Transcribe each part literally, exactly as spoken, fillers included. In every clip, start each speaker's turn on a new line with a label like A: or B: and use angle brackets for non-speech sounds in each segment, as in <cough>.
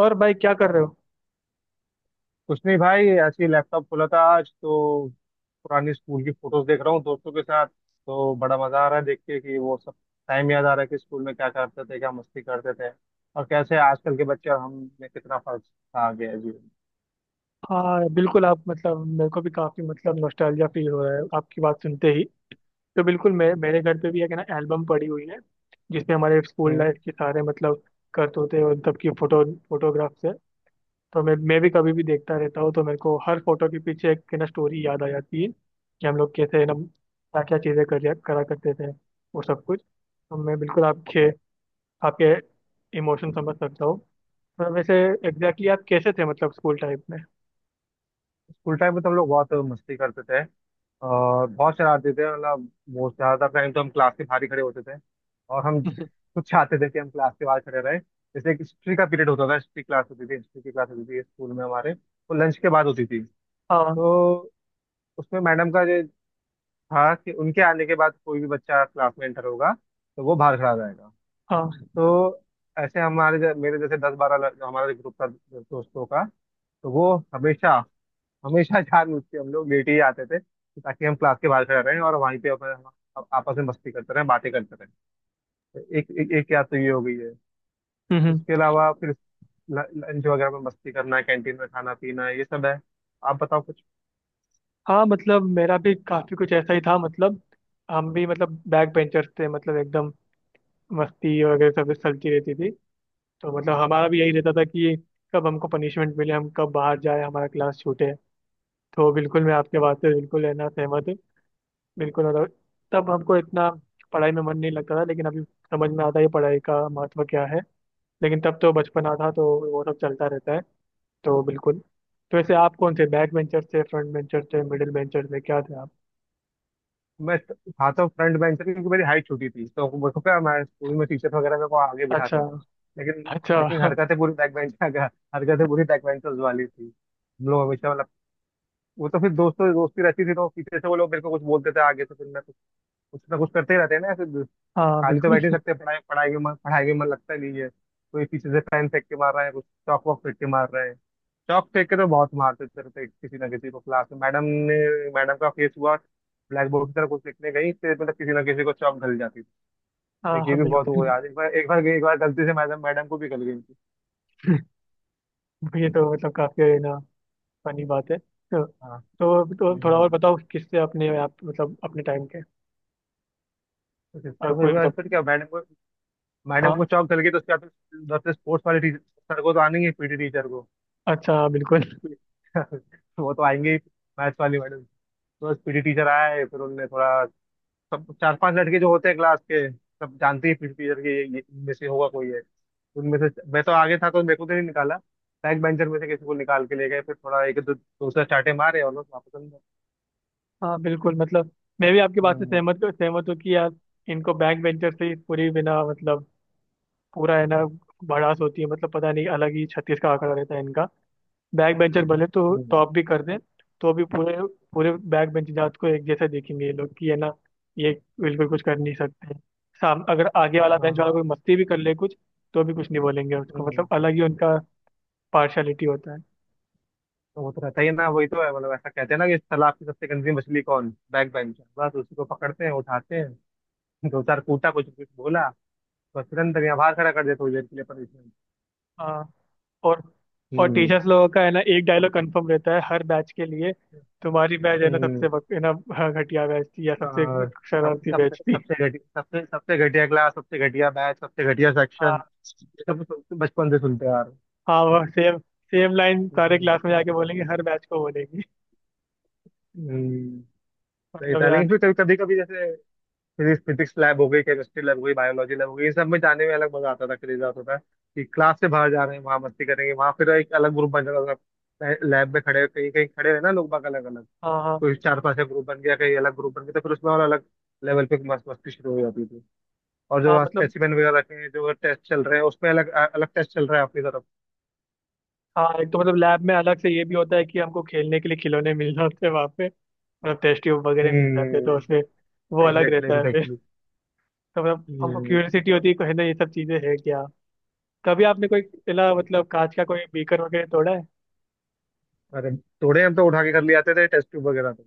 A: और भाई क्या कर रहे हो?
B: कुछ नहीं भाई, ऐसे ही लैपटॉप खोला था आज तो। पुरानी स्कूल की फोटोज देख रहा हूँ दोस्तों के साथ, तो बड़ा मजा आ रहा है देख के कि वो सब टाइम याद आ रहा है कि स्कूल में क्या करते थे, क्या मस्ती करते थे। और कैसे आजकल के बच्चे और हम में कितना फर्क आ गया है जीवन में।
A: हाँ, बिल्कुल। आप मतलब मेरे को भी काफी मतलब नॉस्टैल्जिया फील हो रहा है आपकी बात सुनते ही। तो बिल्कुल मैं मेरे घर पे भी एक ना एल्बम पड़ी हुई है, जिसमें हमारे स्कूल
B: हम्म।
A: लाइफ के सारे मतलब करतूते और सबकी फोटो फोटोग्राफ्स है। तो मैं मैं भी कभी भी देखता रहता हूँ, तो मेरे को हर फोटो के पीछे एक ना स्टोरी याद आ जाती है कि हम लोग कैसे ना क्या क्या चीजें कर करा करते थे, वो सब कुछ। तो मैं बिल्कुल आपके आपके इमोशन समझ सकता हूँ। तो वैसे एग्जैक्टली exactly आप कैसे थे मतलब स्कूल टाइम में?
B: स्कूल टाइम में तो हम लोग बहुत मस्ती करते थे और बहुत शरारती थे। मतलब बहुत ज्यादातर टाइम तो हम क्लास के बाहर ही खड़े होते थे, और हम
A: <laughs>
B: कुछ चाहते थे कि हम क्लास के बाहर खड़े रहे। जैसे एक हिस्ट्री का पीरियड होता था, हिस्ट्री क्लास होती थी हिस्ट्री की क्लास होती थी स्कूल में हमारे, वो लंच के बाद होती थी।
A: हाँ,
B: तो उसमें मैडम का जो था कि उनके आने के बाद कोई भी बच्चा क्लास में एंटर होगा तो वो बाहर खड़ा रहेगा।
A: हाँ।
B: तो ऐसे हमारे ज- मेरे जैसे दस बारह लड़- जो हमारा ग्रुप था दोस्तों का, तो वो हमेशा हमेशा जानबूझ के हम लोग लेट ही आते थे, ताकि हम क्लास के बाहर खड़े रहें और वहीं पे अपने आप- आपस में मस्ती करते रहें, बातें करते रहें। तो एक एक, एक याद तो ये हो गई है।
A: हम्म,
B: उसके
A: हम्म।
B: अलावा फिर ल- लंच वगैरह में मस्ती करना, कैंटीन में खाना पीना, ये सब है। आप बताओ।
A: हाँ मतलब मेरा भी काफी कुछ ऐसा ही था। मतलब हम भी मतलब बैक बेंचर्स थे, मतलब एकदम मस्ती वगैरह सब चलती रहती थी। तो मतलब हमारा भी यही रहता था कि कब हमको पनिशमेंट मिले, हम कब बाहर जाए, हमारा क्लास छूटे। तो बिल्कुल मैं आपके बात से बिल्कुल है ना सहमत हूँ। बिल्कुल मतलब तब हमको इतना पढ़ाई में मन नहीं लगता था, लेकिन अभी समझ में आता है पढ़ाई का महत्व क्या है। लेकिन तब तो बचपना था, तो वो सब चलता रहता है। तो बिल्कुल। तो वैसे आप कौन थे? बैक वेंचर थे, फ्रंट वेंचर थे, मिडिल वेंचर थे, क्या थे आप?
B: मैं त- था तो फ्रंट बेंचर, क्योंकि मेरी हाइट छोटी थी तो मेरे को क्या, हमारे स्कूल में टीचर वगैरह मेरे को आगे
A: अच्छा।
B: बिठाते थे। लेकिन
A: अच्छा।
B: लेकिन हरकतें पूरी बैक बेंच <laughs> हरकतें पूरी बैक बेंचर्स वाली थी। हम लोग हमेशा, मतलब वो तो फिर दोस्तों दोस्ती रहती थी, तो पीछे से वो लोग मेरे को कुछ बोलते थे आगे, तो फिर मैं कुछ कुछ ना कुछ करते ही रहते हैं ना फिर।
A: हाँ,
B: खाली तो
A: बिल्कुल।
B: बैठ ही सकते हैं, पढ़ाई पढ़ाई के मन पढ़ाई के मन लगता नहीं है। कोई पीछे से पेन फेंक के मार रहा है, कुछ चौक वॉक फेंक के मार रहा है। चौक फेंक के तो बहुत मारते थे, तो किसी ना किसी को क्लास में मैडम ने, मैडम का फेस हुआ ब्लैक बोर्ड की तरफ कुछ लिखने गई तो मतलब किसी ना किसी को चौक गल जाती थी।
A: हाँ,
B: एक ये
A: हाँ,
B: भी बहुत हुआ
A: बिल्कुल।
B: यार। एक बार एक बार गई, एक बार गलती से मैडम मैडम को भी गल गई थी।
A: <laughs> ये तो मतलब काफी है ना फनी बात है। तो
B: हाँ।
A: तो, तो थोड़ा और
B: हम्म।
A: बताओ किससे अपने आप मतलब अपने टाइम के।
B: तो किससे
A: अगर
B: हुई
A: कोई
B: बात?
A: मतलब।
B: फिर क्या मैडम को, मैडम
A: हाँ।
B: को चौक गल गई तो उसके बाद फिर उधर से स्पोर्ट्स वाले टीचर, सर को तो आने ही, पीटी टीचर को
A: अच्छा, बिल्कुल।
B: <laughs> वो तो आएंगे ही। मैथ्स वाली मैडम, बस पीटी टीचर आए फिर उनने थोड़ा। सब चार पांच लड़के जो होते हैं क्लास के, सब जानते हैं पीटी टीचर के, ये ये- इनमें से होगा कोई है। उनमें से मैं तो आगे था तो मेरे को तो नहीं निकाला। बैक बेंचर में से किसी को निकाल के ले गए, फिर थोड़ा एक दो, दो से चाटे मारे और लोग वापस अंदर।
A: हाँ, बिल्कुल मतलब मैं भी आपकी बात से
B: हम्म।
A: सहमत सहमत हूँ कि यार इनको बैक वेंचर से ही पूरी बिना मतलब पूरा है ना भड़ास होती है। मतलब पता नहीं अलग ही छत्तीस का आंकड़ा रहता है इनका। बैक बेंचर भले तो
B: हम्म।
A: टॉप भी कर दें, तो भी पूरे पूरे बैक बेंच जात को एक जैसा देखेंगे ये लोग कि है ना ये बिल्कुल कुछ कर नहीं सकते। साम अगर आगे वाला बेंच वाला
B: हाँ।
A: कोई मस्ती भी कर ले कुछ, तो भी कुछ नहीं बोलेंगे उसको।
B: हम्म।
A: मतलब अलग ही उनका पार्शलिटी होता है।
B: तो वो तो रहता ही है ना, वही तो है। मतलब ऐसा कहते हैं ना कि इस तालाब की सबसे गंदी मछली कौन, बैक बेंचर। बस उसी को पकड़ते हैं, उठाते हैं, दो चार कूटा, कुछ कुछ बोला, बस तुरंत यहाँ बाहर खड़ा कर देते हो जेल के लिए, पनिशमेंट।
A: हाँ। और और
B: हम्म।
A: टीचर्स लोगों का है ना एक डायलॉग कंफर्म रहता है हर बैच के लिए। तुम्हारी बैच है ना सबसे
B: हम्म
A: बक- है ना। हाँ, घटिया बैच थी, या सबसे
B: अ, सबसे
A: शरारती
B: सबसे
A: बैच थी।
B: सबसे घटिया, सबसे सबसे घटिया क्लास, सबसे घटिया बैच, सबसे घटिया सेक्शन,
A: हाँ,
B: ये सब तो बचपन से सुनते आ रहे हैं।
A: हाँ। वो सेम सेम लाइन
B: हम्म।
A: सारे
B: हम्म।
A: क्लास में जाके बोलेंगे, हर बैच को बोलेंगे।
B: हम्म। सही
A: मतलब
B: था, लेकिन
A: यार।
B: फिर कभी कभी जैसे फिजिक्स फिजिक्स लैब हो गई, केमिस्ट्री लैब हो गई, बायोलॉजी लैब हो गई, इन सब में जाने में अलग मजा आता था, क्रेज आता था कि क्लास से बाहर जा रहे हैं, वहां मस्ती करेंगे। वहां फिर एक अलग ग्रुप बन जाता था लैब में, खड़े कहीं कहीं खड़े रहे ना लोग बाग अलग अलग।
A: हाँ, हाँ,
B: कोई चार पांच का ग्रुप बन गया, कहीं अलग ग्रुप बन गया, तो फिर उसमें और अलग लेवल पे मस्त मस्ती शुरू हो जाती। और
A: हाँ।
B: जो
A: मतलब
B: स्पेसिमेन वगैरह रखे हैं, जो टेस्ट चल रहे हैं उसमें, अलग अलग टेस्ट चल रहा है आपकी तरफ।
A: हाँ, एक तो मतलब लैब में अलग से ये भी होता है कि हमको खेलने के लिए खिलौने मिल जाते हैं वहाँ पे। मतलब टेस्ट ट्यूब वगैरह मिल जाते हैं, तो
B: हम्म।
A: उसमें वो अलग
B: एग्जैक्टली
A: रहता है फिर।
B: एग्जैक्टली
A: तो मतलब हमको
B: हम्म।
A: क्यूरियोसिटी होती है कि है ना ये सब चीजें है क्या। कभी आपने कोई पहला मतलब कांच का कोई बीकर वगैरह तोड़ा है?
B: अरे थोड़े, हम तो उठा के कर ले आते थे टेस्ट ट्यूब वगैरह तो।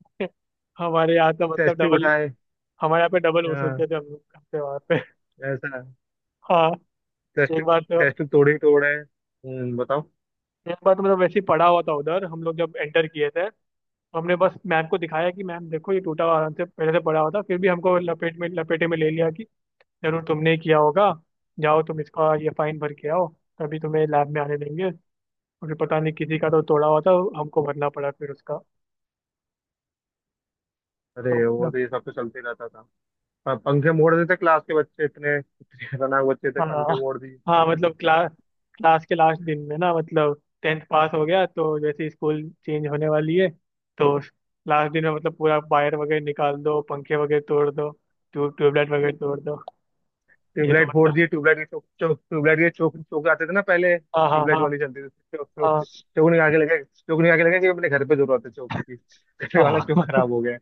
A: <laughs> हमारे यहाँ तो मतलब
B: टेस्ट ट्यूब
A: डबल
B: उठाए।
A: हमारे यहाँ पे डबल वसूलते
B: हाँ,
A: थे हम लोग करते वहाँ पे। <laughs>
B: ऐसा।
A: हाँ,
B: टेस्ट
A: एक बार तो
B: टेस्ट ट्यूब तोड़े ही तोड़े। हम्म, बताओ।
A: एक बार तो मतलब वैसे ही पड़ा हुआ था उधर हम लोग जब एंटर किए थे, हमने बस मैम को दिखाया कि मैम देखो ये टूटा हुआ आराम से पहले से पड़ा हुआ था। फिर भी हमको लपेट में लपेटे में ले लिया कि जरूर तुमने ही किया होगा, जाओ तुम इसका ये फाइन भर के आओ, तभी तुम्हें लैब में आने देंगे। और फिर पता नहीं किसी का तो तोड़ा हुआ था, हमको भरना पड़ा फिर उसका।
B: अरे
A: तो
B: वो
A: मतलब
B: तो ये सब तो चलते रहता था। प- पंखे मोड़ देते क्लास के बच्चे, इतने इतने खतरनाक बच्चे थे,
A: हाँ,
B: पंखे मोड़ दिए,
A: हाँ। मतलब क्लास क्लास के लास्ट दिन में ना मतलब टेंथ पास हो गया, तो जैसे ही स्कूल चेंज होने वाली है, तो लास्ट दिन में मतलब पूरा वायर वगैरह निकाल दो, पंखे वगैरह तोड़ दो, ट्यूब ट्यूबलाइट वगैरह तोड़ दो। ये तो
B: ट्यूबलाइट फोड़
A: मतलब
B: दिए। ट्यूबलाइट के चौक, चौक ट्यूबलाइट के, चौक चौक आते थे ना पहले
A: हाँ, हाँ,
B: ट्यूबलाइट
A: हाँ,
B: वाली चलती थी। चौक चौक
A: हाँ,
B: चौक निकाल के लगा, चौक निकाल के लगा कि अपने घर पे जरूरत है चौक की, घर वाला
A: हाँ,
B: चौक
A: हाँ।
B: खराब हो गया है।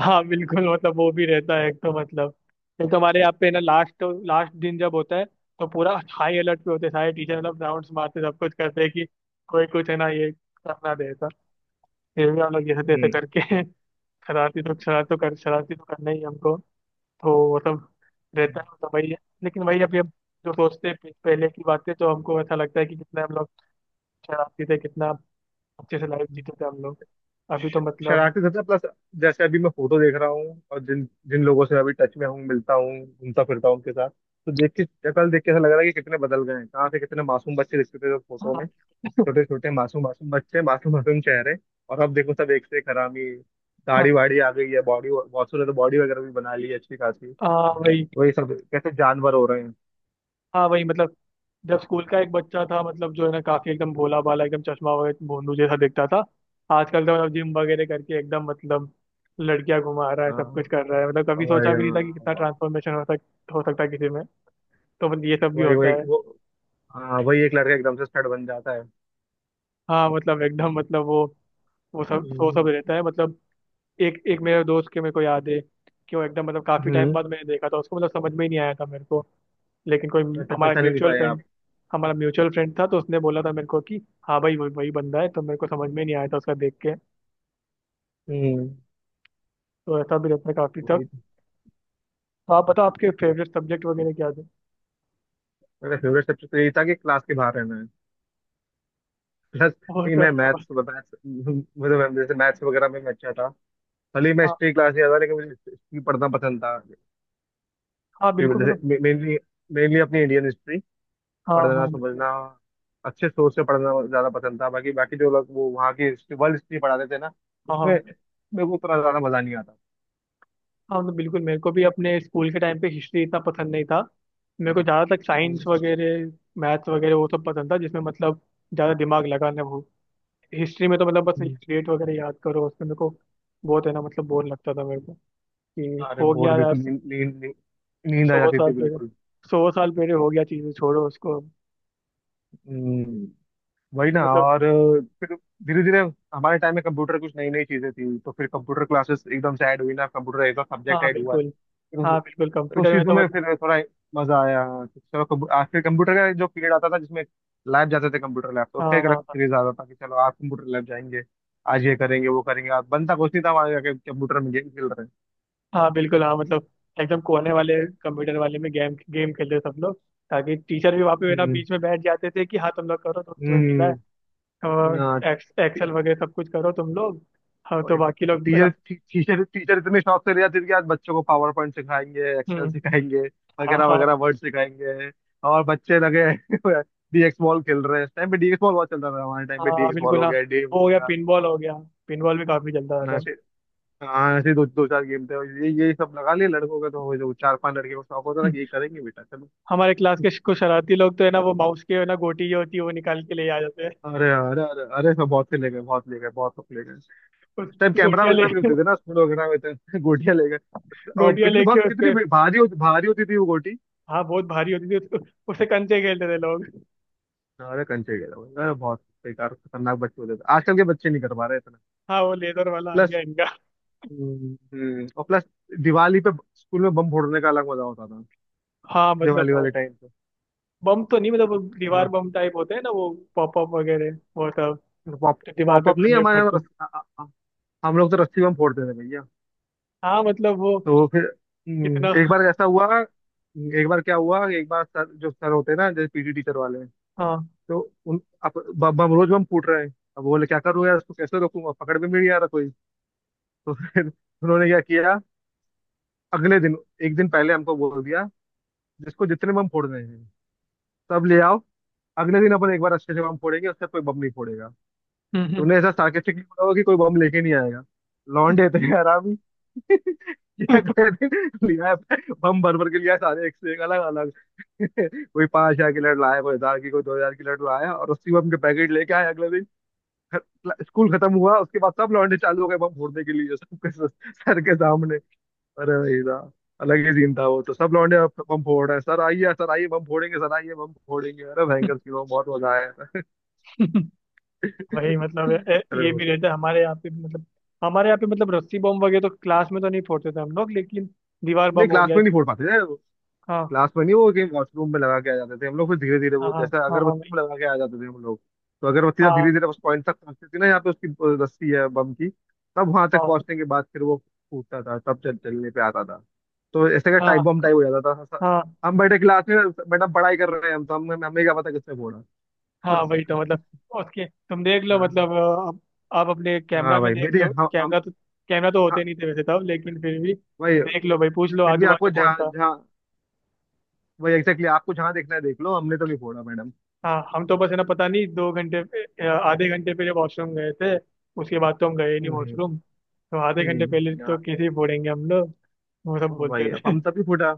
A: हाँ बिल्कुल मतलब वो भी रहता है। एक तो मतलब एक तो हमारे यहाँ पे ना लास्ट लास्ट दिन जब होता है, तो पूरा हाई अलर्ट पे होते हैं सारे टीचर। मतलब राउंड्स मारते, सब कुछ करते हैं कि कोई कुछ है ना ये करना देता। फिर भी हम लोग जैसे तैसे
B: हम्म।
A: करके <laughs> शरारती तो शरारत तो कर शरारती तो करना ही है हमको। तो वो सब रहता है, तो वही है। लेकिन वही अभी हम जो सोचते हैं पे- पहले की बातें, तो हमको ऐसा लगता है कि कितना हम लोग शरारती थे, कितना अच्छे से लाइफ जीते थे हम लोग। अभी
B: श-
A: तो मतलब
B: शरारती सबसे प्लस। जैसे अभी मैं फोटो देख रहा हूँ, और जिन जिन लोगों से अभी टच में हूँ, मिलता हूँ, घूमता फिरता हूँ उनके साथ, तो देख के, कल देख के ऐसा लग रहा है कि कितने बदल गए हैं, कहाँ से कितने मासूम बच्चे दिखते थे फोटो में।
A: हाँ। <laughs>
B: छोटे छोटे मासूम मासूम बच्चे, मासूम मासूम चेहरे, और अब देखो सब एक से एक हरामी। दाढ़ी वाड़ी आ गई है, बॉडी, बहुत से तो बॉडी वगैरह भी बना ली है अच्छी खासी।
A: हाँ, वही।
B: वही, सब कैसे जानवर हो रहे हैं।
A: हाँ, वही मतलब जब स्कूल का एक बच्चा था मतलब जो है ना काफी एकदम भोला भाला एकदम चश्मा वगैरह भोंदू जैसा दिखता था, आजकल तो मतलब जिम वगैरह करके एकदम मतलब लड़कियां घुमा रहा है, सब कुछ
B: हाँ।
A: कर रहा है। मतलब कभी सोचा
B: वही
A: भी नहीं था कि
B: हाँ।
A: कितना ट्रांसफॉर्मेशन हो सक हो सकता है किसी में। तो मतलब ये सब भी
B: वही वही
A: होता है।
B: वो हाँ, वही, एक लड़का एकदम से स्टड बन जाता है।
A: हाँ मतलब एकदम मतलब वो वो सब वो सब
B: हम्म।
A: रहता है। मतलब एक एक मेरे दोस्त के मेरे को याद है कि वो एकदम मतलब काफी टाइम
B: हम्म।
A: बाद मैंने देखा था उसको, मतलब समझ में ही नहीं आया था मेरे को। लेकिन कोई
B: वैसे
A: हमारा
B: पहचान ही नहीं
A: म्यूचुअल
B: पाए आप।
A: फ्रेंड हमारा म्यूचुअल फ्रेंड था, तो उसने बोला था मेरे को कि हाँ भाई वही वही बंदा है, तो मेरे को समझ में नहीं आया था उसका देख के।
B: हम्म।
A: तो ऐसा भी रहता है काफी
B: वही
A: तक।
B: तो।
A: तो आप बताओ आपके फेवरेट सब्जेक्ट वगैरह क्या थे?
B: मेरा फेवरेट सब्जेक्ट तो यही था कि क्लास के बाहर रहना है, प्लस
A: वो
B: नहीं,
A: तो
B: मैं
A: है बस।
B: मैथ्स मैथ्स, मुझे मैं- जैसे मैथ्स वगैरह में मैं अच्छा था। भले ही मैं
A: हाँ,
B: हिस्ट्री क्लास नहीं आता, लेकिन मुझे हिस्ट्री पढ़ना पसंद था।
A: हाँ,
B: हिस्ट्री में
A: बिल्कुल मतलब।
B: जैसे मेनली मेनली अपनी इंडियन हिस्ट्री
A: हाँ,
B: पढ़ना,
A: हाँ, बिल्कुल।
B: समझना, अच्छे सोच से पढ़ना ज्यादा पसंद था। बाकी, बाकी जो लोग वो वहाँ की हिस्ट्री, वर्ल्ड हिस्ट्री पढ़ाते थे ना,
A: हाँ,
B: उसमें
A: हाँ,
B: मेरे को उतना ज्यादा मजा नहीं आता।
A: हाँ। मतलब बिल्कुल मेरे को भी अपने स्कूल के टाइम पे हिस्ट्री इतना पसंद नहीं था। मेरे को ज़्यादातर साइंस वगैरह मैथ्स वगैरह वो सब पसंद था, जिसमें मतलब ज़्यादा दिमाग लगाना हो। हिस्ट्री में तो मतलब बस
B: हम्म।
A: डेट वगैरह याद करो, उसमें मेरे को बहुत है ना मतलब बोर लगता था मेरे को कि
B: अरे
A: हो
B: बोर,
A: गया यार,
B: बिल्कुल नींद, नींद, नींद, नींद आ
A: सौ
B: जाती
A: साल
B: थी
A: पहले
B: बिल्कुल।
A: सौ साल पहले हो गया चीज़ें, छोड़ो उसको।
B: हम्म। वही
A: तो
B: ना।
A: मतलब
B: और फिर धीरे धीरे हमारे टाइम में कंप्यूटर, कुछ नई नई चीजें थी, तो फिर कंप्यूटर क्लासेस एकदम से ऐड हुई ना, कंप्यूटर एक सब्जेक्ट
A: हाँ,
B: ऐड हुआ है।
A: बिल्कुल। हाँ, बिल्कुल।
B: तो उस
A: कंप्यूटर में
B: चीजों
A: तो
B: में
A: मतलब
B: फिर थोड़ा मजा आया, हाँ। चलो कब- आ, फिर कंप्यूटर का जो पीरियड आता था, जिसमें लैब जाते थे कंप्यूटर लैब, तो उसका
A: हाँ,
B: एक अलग
A: हाँ, हाँ,
B: क्रेज आता था कि चलो आज कंप्यूटर लैब जाएंगे, आज ये करेंगे वो करेंगे। आज बनता कुछ नहीं था हमारे, जाके कंप्यूटर में गेम खेल रहे हैं।
A: हाँ, बिल्कुल। हाँ मतलब एकदम कोने वाले कंप्यूटर वाले में गेम गेम खेलते सब लोग, ताकि टीचर भी वहाँ पे ना
B: हम्म।
A: बीच में बैठ जाते थे कि हाँ तुम लोग करो, तो तुम्हें मिला है
B: हम्म।
A: और
B: हाँ।
A: एक्स,
B: टी-
A: एक्सेल वगैरह सब कुछ करो तुम लोग। हाँ, तो
B: और
A: बाकी लोग है ना।
B: टीचर टी- टीचर टीचर इतने शौक से ले जाते थे कि आज बच्चों को पावर पॉइंट सिखाएंगे, एक्सेल
A: हम्म।
B: सिखाएंगे
A: हाँ,
B: वगैरह
A: हाँ,
B: वगैरह, वर्ड सिखाएंगे। और बच्चे लगे <laughs> डीएक्स बॉल खेल रहे हैं। इस टाइम पे डीएक्स बॉल बहुत चल रहा था, हमारे टाइम पे
A: हाँ,
B: डीएक्स बॉल
A: बिल्कुल।
B: हो
A: हाँ,
B: गया, डे हो
A: वो हो गया
B: गया।
A: पिनबॉल हो गया, पिनबॉल भी काफी चलता
B: हाँ, ऐसे दो दो चार गेम थे, और ये ये सब लगा लिए लड़कों का, तो हो, जो चार पांच लड़के को शौक होता
A: था।
B: था कि ये करेंगे बेटा चलो।
A: हमारे क्लास के कुछ शरारती लोग तो है ना वो माउस के है ना गोटी जो होती है वो निकाल के ले आ जाते हैं।
B: अरे अरे अरे अरे, सब बहुत से ले गए, बहुत ले गए, बहुत सब ले गए। उस टाइम
A: <laughs>
B: कैमरा
A: गोटियां
B: वगैरह
A: ले
B: भी नहीं होते थे ना स्कूल वगैरह में तो <laughs> गोटियां ले गए। और
A: गोटियां
B: कितनी,
A: लेके
B: बहुत कितनी
A: उसके।
B: भी- भारी होती, भारी होती थी वो गोटी।
A: हाँ, बहुत भारी होती थी उसको, उससे कंचे खेलते थे लोग।
B: अरे कंचे, गया भाई, अरे बहुत बेकार खतरनाक बच्चे होते थे, आजकल के बच्चे नहीं कर पा रहे इतना,
A: हाँ, वो लेदर वाला आ
B: प्लस।
A: गया इनका।
B: हम्म। हम्म। और प्लस दिवाली पे स्कूल में बम फोड़ने का अलग मजा होता था
A: हाँ मतलब
B: दिवाली
A: वो
B: वाले टाइम पे।
A: बम तो नहीं, मतलब वो
B: है
A: दीवार
B: ना।
A: बम टाइप होते हैं ना वो, पॉप अप वगैरह, वो सब
B: पॉप
A: जो दीवार पे
B: पॉपअप नहीं
A: मारने
B: हमारे
A: पड़ते।
B: यहाँ, हम लोग तो रस्सी बम फोड़ते थे भैया।
A: हाँ मतलब वो
B: तो फिर
A: कितना।
B: हम्म, एक बार ऐसा हुआ। एक बार क्या हुआ, एक बार सर, जो सर होते हैं ना जैसे पीटी टीचर वाले,
A: हाँ।
B: तो उन, अब ब- बम रोज बम फूट रहे हैं, अब बोले क्या करूँ यार, इसको कैसे रोकूंगा, पकड़ में भी नहीं आ रहा कोई। तो फिर उन्होंने क्या किया, अगले दिन, एक दिन पहले हमको बोल दिया, जिसको जितने बम फोड़ने हैं सब ले आओ, अगले दिन अपन एक बार अच्छे से बम फोड़ेंगे, उससे कोई बम नहीं फोड़ेगा। तो
A: हम्म,
B: उन्हें ऐसा सार्केस्टिकली बोला होगा कि कोई बम लेके नहीं आएगा। लौंडे थे यार, क्या
A: हम्म।
B: कर लिया है, बम भर भर के लिया है सारे, एक से एक अलग अलग। <laughs> कोई पांच हजार की लड़ लाया, कोई हजार की, कोई दो हजार की लड़ लाया, और उसी बम के पैकेट लेके आए अगले दिन। ख- स्कूल खत्म हुआ उसके बाद सब लौंडे चालू हो गए बम फोड़ने के लिए, सबके स- सर के सामने। अरे भाई साहब, अलग ही सीन था वो तो। सब लौंडे अब बम फोड़ रहे हैं, सर आइए, सर आइए बम फोड़ेंगे, सर आइए बम फोड़ेंगे। अरे भयंकर सीन हुआ, बहुत मजा आया था।
A: <laughs> वही मतलब ए-
B: <laughs>
A: ए-
B: अरे
A: ये
B: वो
A: भी
B: तो,
A: रहता है हमारे यहाँ पे भी। मतलब हमारे यहाँ पे मतलब रस्सी बम वगैरह तो क्लास में तो नहीं फोड़ते थे हम लोग, लेकिन दीवार
B: नहीं
A: बम हो
B: क्लास
A: गया।
B: में नहीं फोड़ पाते थे,
A: हाँ,
B: क्लास में नहीं। वो कि वॉशरूम में लगा के आ जाते थे हम लोग, फिर धीरे धीरे
A: हाँ,
B: वो
A: हाँ,
B: जैसे
A: हाँ, हाँ
B: अगरबत्ती
A: भाई।
B: में लगा के आ जाते थे हम लोग। तो अगरबत्ती जब
A: हाँ,
B: धीरे धीरे उस पॉइंट तक पहुंचती थी ना, यहाँ पे उसकी अ, रस्सी है बम की, तब वहां तक पहुंचने के बाद फिर वो फूटता था, तब चल चलने पे आता था। तो ऐसे का
A: हाँ,
B: टाइप
A: हाँ,
B: बम टाइप हो जाता था स-
A: हाँ,
B: हम बैठे क्लास में, मैडम पढ़ाई कर रहे हैं, हम तो, हम हमें क्या पता किसने फोड़ा।
A: हाँ।
B: बस।
A: वही तो मतलब उसके तुम देख लो।
B: हाँ।
A: मतलब अ, अब आप अपने कैमरा
B: हाँ
A: में
B: भाई,
A: देख
B: मेरी
A: लो।
B: हम हम।
A: कैमरा तो कैमरा तो
B: हाँ,
A: होते नहीं थे वैसे तब, लेकिन फिर भी
B: भाई,
A: देख लो भाई, पूछ लो
B: फिर भी
A: आजू
B: आपको
A: बाजू कौन
B: जहाँ
A: था।
B: जहाँ, भाई एग्जैक्टली, आपको जहाँ देखना है देख लो, हमने तो नहीं फोड़ा मैडम।
A: हाँ, हम तो बस है ना पता नहीं दो घंटे पे- अ, आधे घंटे पहले वॉशरूम गए थे, उसके बाद तो हम गए ही नहीं
B: हम्म।
A: वॉशरूम, तो आधे घंटे पहले
B: हम्म।
A: तो
B: हाँ।
A: कैसे ही फोड़ेंगे हम लोग। वो सब
B: हाँ
A: बोलते
B: भाई,
A: थे।
B: पंप
A: <laughs>
B: तभी फूटा।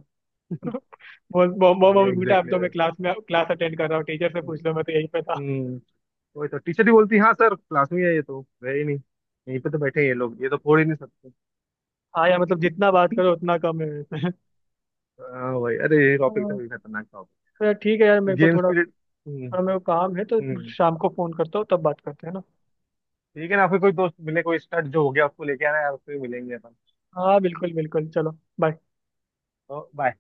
A: बोल मो- मो-
B: भाई
A: मम्मी बेटा, अब
B: एग्जैक्टली।
A: तो मैं क्लास में क्लास अटेंड कर रहा हूँ, टीचर से पूछ लो, मैं तो यहीं पे था।
B: हम्म। वही तो, टीचर ही बोलती हाँ सर, क्लास में ही है ये, तो है ही नहीं। यहीं पे तो बैठे हैं ये लोग, ये तो फोड़ ही नहीं सकते।
A: हाँ यार मतलब जितना बात करो उतना कम है वैसे। <laughs>
B: हाँ भाई, अरे ये टॉपिक तो
A: हाँ।
B: बड़ी खतरनाक टॉपिक।
A: तो यार ठीक है यार,
B: तो
A: मेरे को
B: गेम
A: थोड़ा
B: पीरियड। हम्म।
A: थोड़ा मेरे को काम है, तो
B: हम्म।
A: शाम को फोन करता हूँ, तब बात करते हैं ना।
B: ठीक है ना, फिर कोई दोस्त मिले कोई स्टड जो हो गया उसको लेके आना यार, उससे मिलेंगे अपन।
A: हाँ, बिल्कुल, बिल्कुल। चलो, बाय।
B: तो bye।